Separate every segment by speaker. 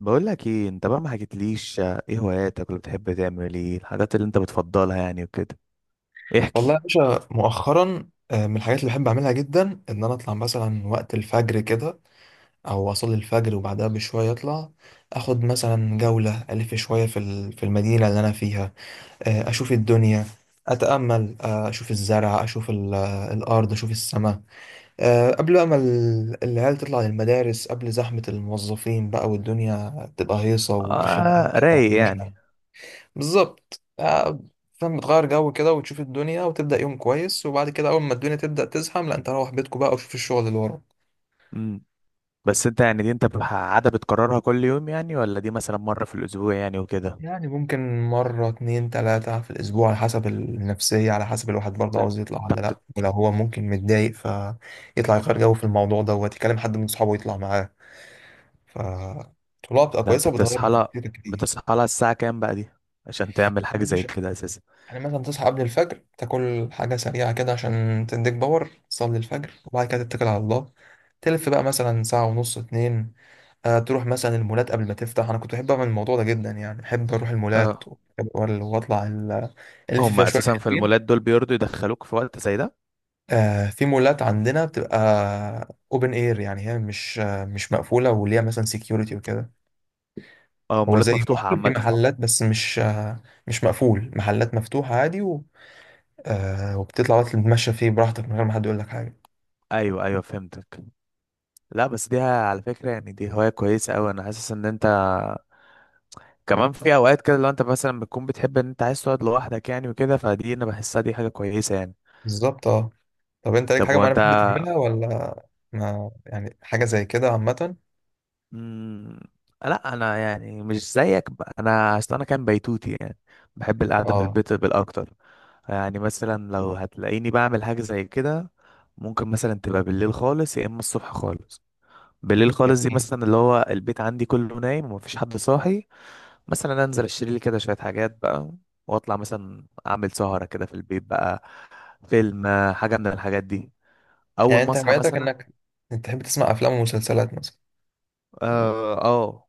Speaker 1: بقول لك ايه؟ انت بقى ما حكيتليش، ايه هواياتك، ولا بتحب تعمل ايه؟ الحاجات اللي انت بتفضلها يعني وكده،
Speaker 2: والله
Speaker 1: احكي.
Speaker 2: يا باشا، مؤخرا من الحاجات اللي بحب اعملها جدا ان انا اطلع مثلا وقت الفجر كده، او اصلي الفجر وبعدها بشويه اطلع، اخد مثلا جوله الف شويه في المدينه اللي انا فيها. اشوف الدنيا، اتامل، اشوف الزرع، اشوف الارض، اشوف السماء. قبل بقى ما العيال تطلع للمدارس، قبل زحمه الموظفين بقى، والدنيا تبقى هيصه، والخناقات
Speaker 1: اه،
Speaker 2: بقى بتاعت
Speaker 1: رايق يعني.
Speaker 2: المشنى. بالظبط فاهم، بتغير جو كده وتشوف الدنيا وتبدأ يوم كويس، وبعد كده أول ما الدنيا تبدأ تزحم، لا، أنت روح بيتكم بقى وشوف الشغل اللي وراك.
Speaker 1: امم. بس انت يعني دي انت عادة بتكررها كل يوم يعني، ولا دي مثلا مرة في الاسبوع يعني وكده؟
Speaker 2: يعني ممكن مرة اتنين تلاتة في الأسبوع، على حسب النفسية، على حسب الواحد برضه
Speaker 1: ده
Speaker 2: عاوز يطلع
Speaker 1: انت
Speaker 2: ولا
Speaker 1: بت...
Speaker 2: لأ، ولو هو ممكن متضايق فيطلع يغير جو في الموضوع دوت، يكلم حد من صحابه يطلع معاه. فالطلوع بتبقى
Speaker 1: ده انت
Speaker 2: كويسة وبتغير
Speaker 1: بتصحى
Speaker 2: من
Speaker 1: لها،
Speaker 2: كتير كتير.
Speaker 1: بتصحى لها الساعة كام بقى دي عشان تعمل حاجة
Speaker 2: دي
Speaker 1: زي
Speaker 2: مش.
Speaker 1: كده اساسا؟
Speaker 2: يعني مثلا تصحى قبل الفجر، تاكل حاجة سريعة كده عشان تديك باور، تصلي الفجر وبعد كده تتكل على الله، تلف بقى مثلا ساعة ونص، اتنين. آه، تروح مثلا المولات قبل ما تفتح. أنا كنت بحب أعمل الموضوع ده جدا، يعني بحب أروح المولات
Speaker 1: اه.
Speaker 2: ألف
Speaker 1: هم
Speaker 2: فيها شوية
Speaker 1: اساسا في المولات
Speaker 2: حلوين.
Speaker 1: دول بيرضوا يدخلوك في وقت زي ده؟
Speaker 2: آه، في مولات عندنا بتبقى اوبن اير، يعني هي مش مقفولة وليها مثلا سكيورتي وكده.
Speaker 1: اه،
Speaker 2: هو زي
Speaker 1: مولات مفتوحة
Speaker 2: مول، في
Speaker 1: عامة.
Speaker 2: محلات، بس مش مقفول، محلات مفتوحة عادي. وبتطلع بقى تتمشى فيه براحتك من غير ما حد يقول لك حاجة.
Speaker 1: ايوه ايوه، فهمتك. لا بس دي على فكرة يعني دي هواية كويسة اوي، انا حاسس ان انت كمان في اوقات كده، لو انت مثلا بتكون بتحب ان انت عايز تقعد لوحدك يعني وكده، فدي انا بحسها دي حاجة كويسة يعني.
Speaker 2: بالظبط، اه. طب انت ليك
Speaker 1: طب
Speaker 2: حاجه معينه
Speaker 1: وانت؟
Speaker 2: بتحب تعملها، ولا ما يعني، حاجه زي كده عامه؟
Speaker 1: مم... لا انا يعني مش زيك، انا اصل انا كان بيتوتي يعني. بحب القعدة في
Speaker 2: اه،
Speaker 1: البيت بالاكتر. يعني مثلا لو هتلاقيني بعمل حاجة زي كده، ممكن مثلا تبقى بالليل خالص يا اما الصبح خالص. بالليل خالص دي
Speaker 2: جميل.
Speaker 1: مثلا اللي هو البيت عندي كله نايم ومفيش حد صاحي، مثلا انزل اشتري لي كده شوية حاجات بقى، واطلع مثلا اعمل سهرة كده في البيت بقى، فيلم، حاجة من الحاجات دي.
Speaker 2: يعني
Speaker 1: أول ما
Speaker 2: انت
Speaker 1: أصحى
Speaker 2: هوايتك
Speaker 1: مثلا.
Speaker 2: انك انت تحب تسمع افلام ومسلسلات مثلا؟
Speaker 1: آه, آه.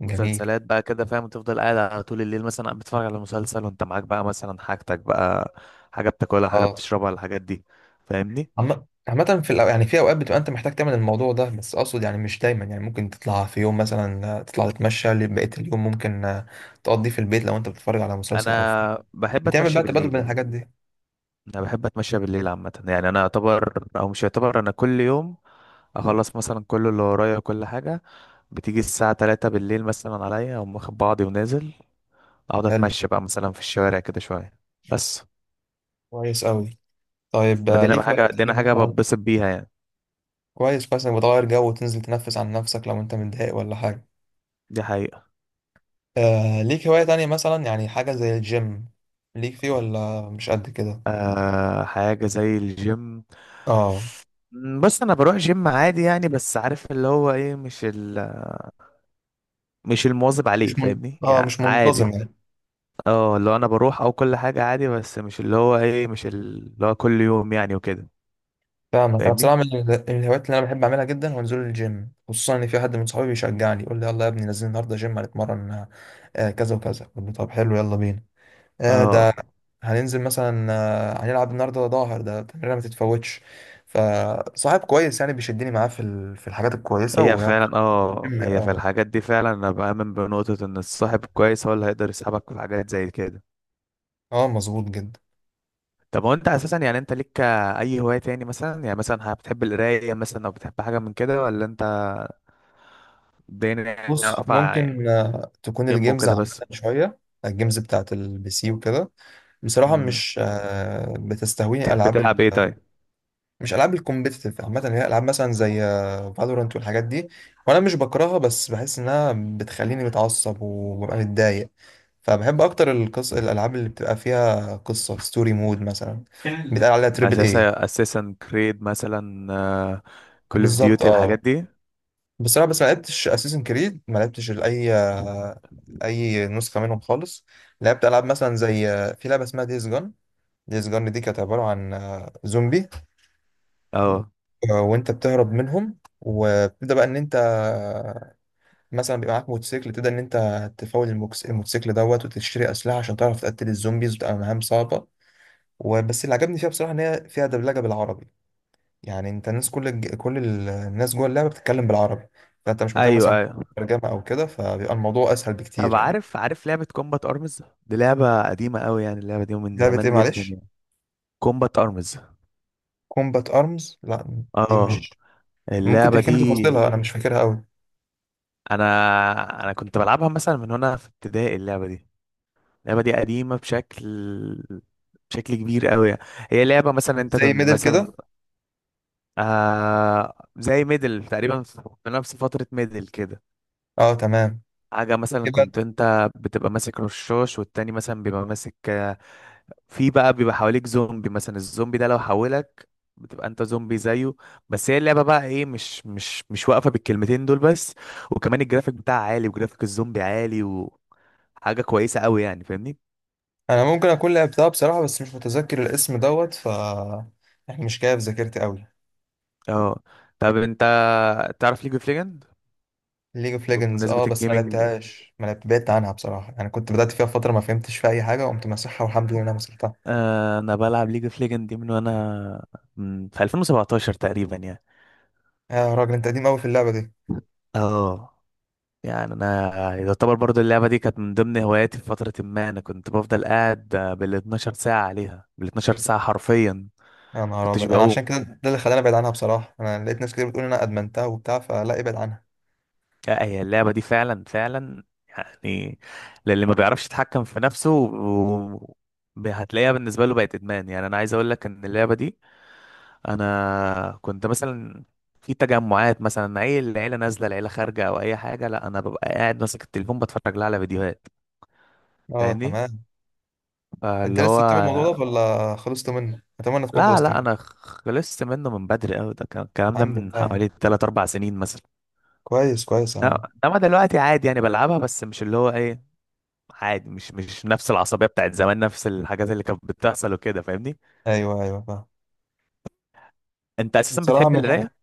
Speaker 2: جميل.
Speaker 1: مسلسلات بقى كده فاهم، وتفضل قاعد على طول الليل مثلا قاعد بتتفرج على مسلسل، وأنت معاك بقى مثلا حاجتك بقى، حاجة بتاكلها، حاجة
Speaker 2: اه.
Speaker 1: بتشربها، الحاجات دي. فاهمني؟
Speaker 2: عامة في يعني في اوقات بتبقى انت محتاج تعمل الموضوع ده، بس اقصد يعني مش دايما، يعني ممكن تطلع في يوم مثلا تطلع تتمشى لبقية اليوم، ممكن تقضيه في البيت لو انت بتتفرج على مسلسل او فيلم،
Speaker 1: أنا بحب
Speaker 2: بتعمل
Speaker 1: أتمشى
Speaker 2: بقى تبادل بين
Speaker 1: بالليل.
Speaker 2: الحاجات دي.
Speaker 1: أنا بحب أتمشى بالليل عامة يعني. أنا أعتبر أو مش أعتبر، أنا كل يوم أخلص مثلا كل اللي ورايا وكل حاجة، بتيجي الساعة تلاتة بالليل مثلا عليا، أقوم واخد بعضي ونازل، أقعد
Speaker 2: حلو.
Speaker 1: أتمشى بقى مثلا في الشوارع كده شوية. بس.
Speaker 2: كويس قوي. طيب
Speaker 1: ما دينا بقى
Speaker 2: ليك هوايات
Speaker 1: حاجة، دينا
Speaker 2: تانية
Speaker 1: حاجة
Speaker 2: مثلا؟
Speaker 1: بتبسط بيها يعني.
Speaker 2: كويس كويس انك بتغير جو وتنزل تنفس عن نفسك لو انت متضايق ولا حاجة.
Speaker 1: دي حقيقة.
Speaker 2: آه، ليك هواية تانية مثلا؟ يعني حاجة زي الجيم، ليك فيه ولا مش قد كده؟
Speaker 1: آه، حاجة زي الجيم.
Speaker 2: اه.
Speaker 1: بص انا بروح جيم عادي يعني، بس عارف اللي هو ايه، مش مش المواظب عليه، فاهمني؟ يعني
Speaker 2: مش
Speaker 1: عادي.
Speaker 2: منتظم يعني.
Speaker 1: اه اللي هو انا بروح او كل حاجة عادي، بس مش اللي هو ايه، مش اللي هو كل يوم يعني وكده.
Speaker 2: فاهمك. انا
Speaker 1: فاهمني؟
Speaker 2: بصراحة من الهوايات اللي انا بحب اعملها جدا هو نزول الجيم، خصوصا ان في حد من صحابي بيشجعني، يقول لي يلا يا ابني نزلنا النهارده جيم هنتمرن، كذا وكذا. قلت له طب حلو، يلا بينا. آه ده
Speaker 1: اه
Speaker 2: هننزل مثلا، هنلعب النهارده، ظاهر ده تمرينه ما تتفوتش. فصاحب كويس يعني، بيشدني معاه في الحاجات الكويسة.
Speaker 1: هي فعلا، اه
Speaker 2: مم.
Speaker 1: هي في
Speaker 2: اه.
Speaker 1: الحاجات دي فعلا، انا بآمن بنقطة ان الصاحب كويس هو اللي هيقدر يسحبك في حاجات زي كده.
Speaker 2: اه، مظبوط جدا.
Speaker 1: طب هو انت اساسا يعني انت ليك اي هواية تاني مثلا؟ يعني مثلا بتحب القراية مثلا، او بتحب حاجة من كده، ولا انت الدنيا
Speaker 2: بص،
Speaker 1: واقفة يعني؟
Speaker 2: ممكن تكون
Speaker 1: جيم
Speaker 2: الجيمز
Speaker 1: وكده
Speaker 2: عامة
Speaker 1: بس.
Speaker 2: شوية. الجيمز بتاعت البي سي وكده، بصراحة
Speaker 1: مم.
Speaker 2: مش آه، بتستهويني
Speaker 1: بتحب
Speaker 2: ألعاب
Speaker 1: تلعب ايه طيب؟
Speaker 2: مش ألعاب الكومبيتيتيف عامة، اللي هي ألعاب مثلا زي فالورانت والحاجات دي، وأنا مش بكرهها بس بحس إنها بتخليني متعصب وببقى متضايق. فبحب أكتر الألعاب اللي بتبقى فيها قصة، ستوري مود مثلا، كان بيتقال عليها تريبل
Speaker 1: اساسا
Speaker 2: إيه.
Speaker 1: اساسا كريد مثلا، كول اوف
Speaker 2: بالظبط،
Speaker 1: ديوتي، الحاجات
Speaker 2: اه.
Speaker 1: دي.
Speaker 2: بس انا، بس ما لعبتش اساسن كريد، ما لعبتش اي نسخه منهم خالص. لعبت العاب مثلا زي، في لعبه اسمها ديز جون. ديز جون دي كانت عباره عن زومبي،
Speaker 1: اه،
Speaker 2: وانت بتهرب منهم، وبتبدا بقى ان انت مثلا بيبقى معاك موتوسيكل، تبدا ان انت تفاول الموتوسيكل دوت، وتشتري اسلحه عشان تعرف تقتل الزومبيز، وتبقى مهام صعبه. وبس اللي عجبني فيها بصراحه ان هي فيها دبلجه بالعربي، يعني انت، الناس كل الج- كل ال- الناس جوه اللعبه بتتكلم بالعربي، فانت مش محتاج
Speaker 1: ايوه
Speaker 2: مثلا
Speaker 1: ايوه.
Speaker 2: ترجمه او كده، فبيبقى الموضوع اسهل
Speaker 1: طب
Speaker 2: بكتير يعني.
Speaker 1: عارف، عارف لعبة كومبات ارمز؟ دي لعبة قديمة قوي يعني، اللعبة دي من
Speaker 2: لعبه ايه
Speaker 1: زمان جدا
Speaker 2: معلش؟
Speaker 1: يعني. كومبات ارمز.
Speaker 2: كومبات ارمز، لا دي
Speaker 1: اه،
Speaker 2: مش. ممكن
Speaker 1: اللعبة
Speaker 2: تحكي
Speaker 1: دي.
Speaker 2: لي تفاصيلها، انا مش فاكرها قوي.
Speaker 1: انا انا كنت بلعبها مثلا من هنا في ابتدائي اللعبة دي. اللعبة دي قديمة بشكل كبير قوي. هي لعبة مثلا انت
Speaker 2: زي
Speaker 1: كنت
Speaker 2: ميدل
Speaker 1: مثلا،
Speaker 2: كده؟
Speaker 1: آه زي ميدل تقريبا، في نفس فترة ميدل كده.
Speaker 2: اه تمام.
Speaker 1: حاجة مثلا
Speaker 2: يبقى
Speaker 1: كنت انت بتبقى ماسك رشاش، والتاني مثلا بيبقى ماسك، في بقى بيبقى حواليك زومبي مثلا، الزومبي ده لو حولك بتبقى انت زومبي زيه. بس هي اللعبة بقى ايه، مش واقفة بالكلمتين دول بس، وكمان الجرافيك بتاعها عالي، وجرافيك الزومبي عالي، وحاجة كويسة قوي يعني، فاهمني؟
Speaker 2: انا ممكن اكون لعبتها بصراحه، بس مش متذكر الاسم دوت، يعني مش جايه في ذاكرتي قوي.
Speaker 1: اه. طب انت تعرف ليج اوف ليجند؟
Speaker 2: ليج اوف ليجندز،
Speaker 1: بمناسبة
Speaker 2: اه، بس ما
Speaker 1: الجيمنج،
Speaker 2: لعبتهاش، ما لعبت بعدت عنها بصراحه، يعني كنت بدات فيها فتره ما فهمتش فيها اي حاجه، وقمت مسحها، والحمد لله إن انا مسحتها.
Speaker 1: انا بلعب ليج اوف ليجند دي في 2017 تقريبا يعني.
Speaker 2: يا راجل، انت قديم قوي في اللعبه دي!
Speaker 1: اه، يعني انا يعتبر برضو اللعبه دي كانت من ضمن هواياتي في فتره ما انا كنت بفضل قاعد بال 12 ساعه عليها، بال 12 ساعه حرفيا، ما
Speaker 2: يا نهار
Speaker 1: كنتش
Speaker 2: ابيض، انا
Speaker 1: بقوم.
Speaker 2: عشان كده، ده اللي خلاني ابعد عنها بصراحه، انا لقيت ناس كتير بتقول إن انا ادمنتها وبتاع، فلا ابعد عنها.
Speaker 1: لا هي اللعبه دي فعلا فعلا يعني، للي ما بيعرفش يتحكم في نفسه هتلاقيها بالنسبه له بقت ادمان يعني. انا عايز اقول لك ان اللعبه دي، انا كنت مثلا في تجمعات مثلا اي العيله نازله، العيله خارجه او اي حاجه، لا انا ببقى قاعد ماسك التليفون بتفرج لها على فيديوهات.
Speaker 2: اه
Speaker 1: فاهمني؟
Speaker 2: تمام. انت
Speaker 1: فاللي هو
Speaker 2: لسه بتعمل الموضوع ده ولا خلصت منه؟ اتمنى تكون
Speaker 1: لا
Speaker 2: خلصت
Speaker 1: لا، انا
Speaker 2: منه.
Speaker 1: خلصت منه من بدري قوي، الكلام ده
Speaker 2: الحمد لله
Speaker 1: من
Speaker 2: يعني.
Speaker 1: حوالي 3 4 سنين مثلا.
Speaker 2: كويس كويس يا
Speaker 1: انما
Speaker 2: عم.
Speaker 1: إنما دلوقتي عادي يعني، بلعبها بس مش اللي هو ايه، عادي، مش مش نفس العصبيه بتاعت زمان، نفس الحاجات اللي كانت بتحصل وكده، فاهمني؟
Speaker 2: ايوه ايوه، فاهم.
Speaker 1: انت اساسا
Speaker 2: بصراحه
Speaker 1: بتحب
Speaker 2: من
Speaker 1: القرايه؟
Speaker 2: الحاجات،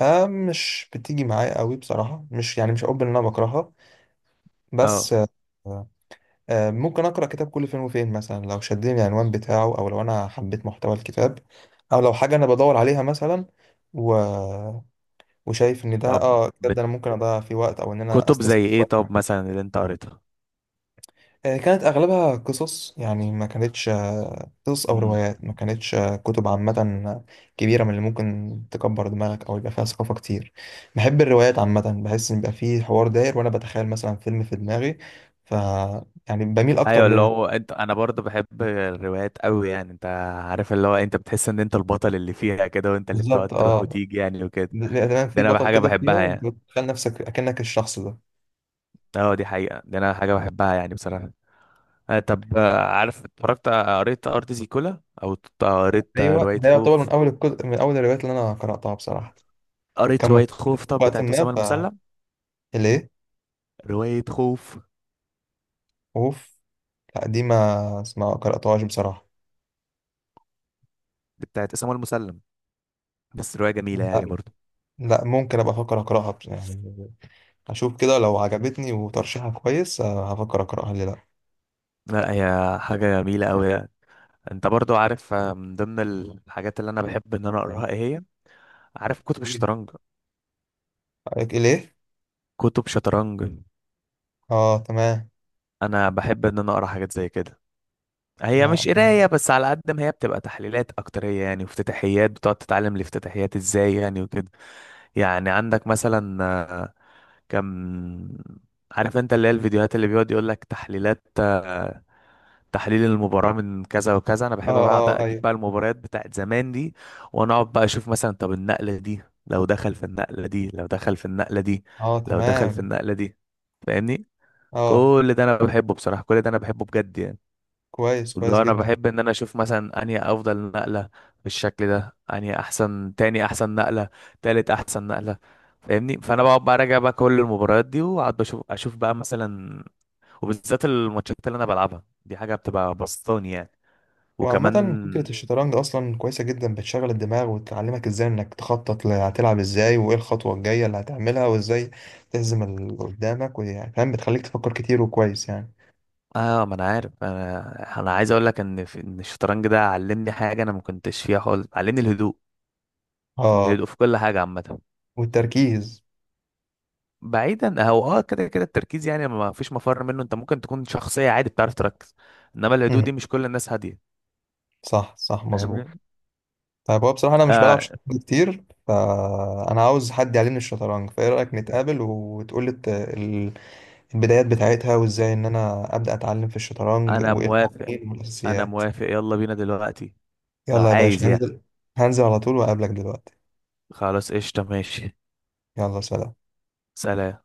Speaker 2: مش بتيجي معايا قوي بصراحه، مش يعني، مش هقول ان انا بكرهها بس.
Speaker 1: اه.
Speaker 2: آه ممكن اقرا كتاب كل فين وفين مثلا، لو شدني العنوان بتاعه او لو انا حبيت محتوى الكتاب، او لو حاجه انا بدور عليها مثلا. و... وشايف ان ده،
Speaker 1: طب
Speaker 2: ده انا ممكن اضيع فيه وقت او ان انا
Speaker 1: كتب زي
Speaker 2: استثمر
Speaker 1: ايه
Speaker 2: وقت.
Speaker 1: طب مثلا اللي انت قريتها؟
Speaker 2: كانت اغلبها قصص، يعني ما كانتش قصص او
Speaker 1: امم.
Speaker 2: روايات، ما كانتش كتب عامه كبيره من اللي ممكن تكبر دماغك او يبقى فيها ثقافه كتير. بحب الروايات عامه، بحس ان يبقى فيه حوار داير وانا بتخيل مثلا فيلم في دماغي، ف يعني بميل اكتر
Speaker 1: ايوه اللي
Speaker 2: للروايات.
Speaker 1: هو انت، انا برضه بحب الروايات قوي يعني. انت عارف اللي هو انت بتحس ان انت البطل اللي فيها كده، وانت اللي بتقعد
Speaker 2: بالظبط،
Speaker 1: تروح
Speaker 2: اه.
Speaker 1: وتيجي يعني وكده.
Speaker 2: بيبقى تمام،
Speaker 1: ده
Speaker 2: في
Speaker 1: انا
Speaker 2: بطل
Speaker 1: حاجه
Speaker 2: كده
Speaker 1: بحبها
Speaker 2: فيها انت
Speaker 1: يعني.
Speaker 2: بتتخيل نفسك اكنك الشخص ده.
Speaker 1: اه دي حقيقه، ده انا حاجه بحبها يعني بصراحه. آه طب آه، عارف اتفرجت، قريت ارض زيكولا؟ او قريت
Speaker 2: ايوه،
Speaker 1: روايه
Speaker 2: ده يعتبر من
Speaker 1: خوف؟
Speaker 2: اول الكتب، من اول الروايات اللي انا قراتها بصراحه،
Speaker 1: قريت
Speaker 2: كان مشهور
Speaker 1: روايه
Speaker 2: كده
Speaker 1: خوف
Speaker 2: في
Speaker 1: طب
Speaker 2: وقت
Speaker 1: بتاعت اسامه
Speaker 2: ما
Speaker 1: المسلم؟
Speaker 2: فليه.
Speaker 1: روايه خوف
Speaker 2: اوف. لا دي ما اسمها، قرأتهاش بصراحة.
Speaker 1: بتاعت اسامه المسلم، بس روايه جميله
Speaker 2: لا،
Speaker 1: يعني برضه.
Speaker 2: لا ممكن ابقى افكر اقراها، يعني اشوف كده لو عجبتني وترشيحها كويس، هفكر اقراها، ليه لا.
Speaker 1: لا هي حاجه جميله قوي يعني. انت برضو عارف، من ضمن الحاجات اللي انا بحب ان انا اقراها ايه هي؟ عارف كتب الشطرنج؟
Speaker 2: رأيك ايه ليه؟
Speaker 1: كتب شطرنج.
Speaker 2: اه تمام.
Speaker 1: انا بحب ان انا اقرا حاجات زي كده، هي
Speaker 2: لا.
Speaker 1: مش قرايه بس، على قد ما هي بتبقى تحليلات اكتريه يعني، وافتتاحيات بتقعد تتعلم الافتتاحيات ازاي يعني وكده. يعني عندك مثلا آه، كم عارف انت اللي هي الفيديوهات اللي بيقعد يقول لك تحليلات، تحليل المباراة من كذا وكذا؟ انا
Speaker 2: اه،
Speaker 1: بحب بقعد
Speaker 2: اه،
Speaker 1: اجيب
Speaker 2: ايوه.
Speaker 1: بقى المباريات بتاعت زمان دي، وانا اقعد بقى اشوف مثلا طب النقلة دي، لو دخل في النقلة دي، لو دخل في النقلة دي،
Speaker 2: اه
Speaker 1: لو دخل في
Speaker 2: تمام.
Speaker 1: النقلة دي، فاهمني؟
Speaker 2: اه.
Speaker 1: كل ده انا بحبه بصراحه، كل ده انا بحبه بجد يعني.
Speaker 2: كويس كويس
Speaker 1: لو انا
Speaker 2: جدا.
Speaker 1: بحب ان انا اشوف مثلا انهي افضل نقله بالشكل ده، انهي احسن، تاني احسن نقله، تالت احسن نقله، فاهمني؟ فانا بقعد بقى راجع بقى كل المباريات دي، واقعد بشوف، اشوف بقى مثلا، وبالذات الماتشات اللي انا بلعبها دي حاجه بتبقى بسطاني يعني.
Speaker 2: وعامة فكرة
Speaker 1: وكمان
Speaker 2: الشطرنج أصلا كويسة جدا، بتشغل الدماغ وتعلمك ازاي انك تخطط، هتلعب ازاي، وايه الخطوة الجاية اللي هتعملها، وازاي تهزم اللي قدامك، ويعني فاهم، بتخليك تفكر كتير وكويس يعني.
Speaker 1: اه، ما انا عارف، انا عايز اقول لك ان ان الشطرنج ده علمني حاجه انا ما كنتش فيها خالص، علمني الهدوء، ان
Speaker 2: اه.
Speaker 1: الهدوء في كل حاجه عامه.
Speaker 2: والتركيز.
Speaker 1: بعيدا، هو اه كده التركيز يعني ما فيش مفر منه، انت ممكن تكون شخصية عادي بتعرف تركز، انما الهدوء
Speaker 2: امم.
Speaker 1: دي مش كل الناس هادية،
Speaker 2: صح صح، مظبوط.
Speaker 1: فاهمني؟
Speaker 2: طيب، هو بصراحة أنا مش بلعب
Speaker 1: آه،
Speaker 2: شطرنج كتير، فأنا عاوز حد يعلمني الشطرنج، فإيه رأيك نتقابل وتقولي البدايات بتاعتها، وازاي إن أنا أبدأ أتعلم في الشطرنج،
Speaker 1: انا
Speaker 2: وإيه
Speaker 1: موافق،
Speaker 2: القوانين
Speaker 1: انا
Speaker 2: والأساسيات؟
Speaker 1: موافق، يلا بينا دلوقتي لو
Speaker 2: يلا يا
Speaker 1: عايز
Speaker 2: باشا،
Speaker 1: يعني.
Speaker 2: هنزل. هنزل على طول وأقابلك دلوقتي.
Speaker 1: خلاص قشطة، ماشي.
Speaker 2: يلا، سلام.
Speaker 1: سلام.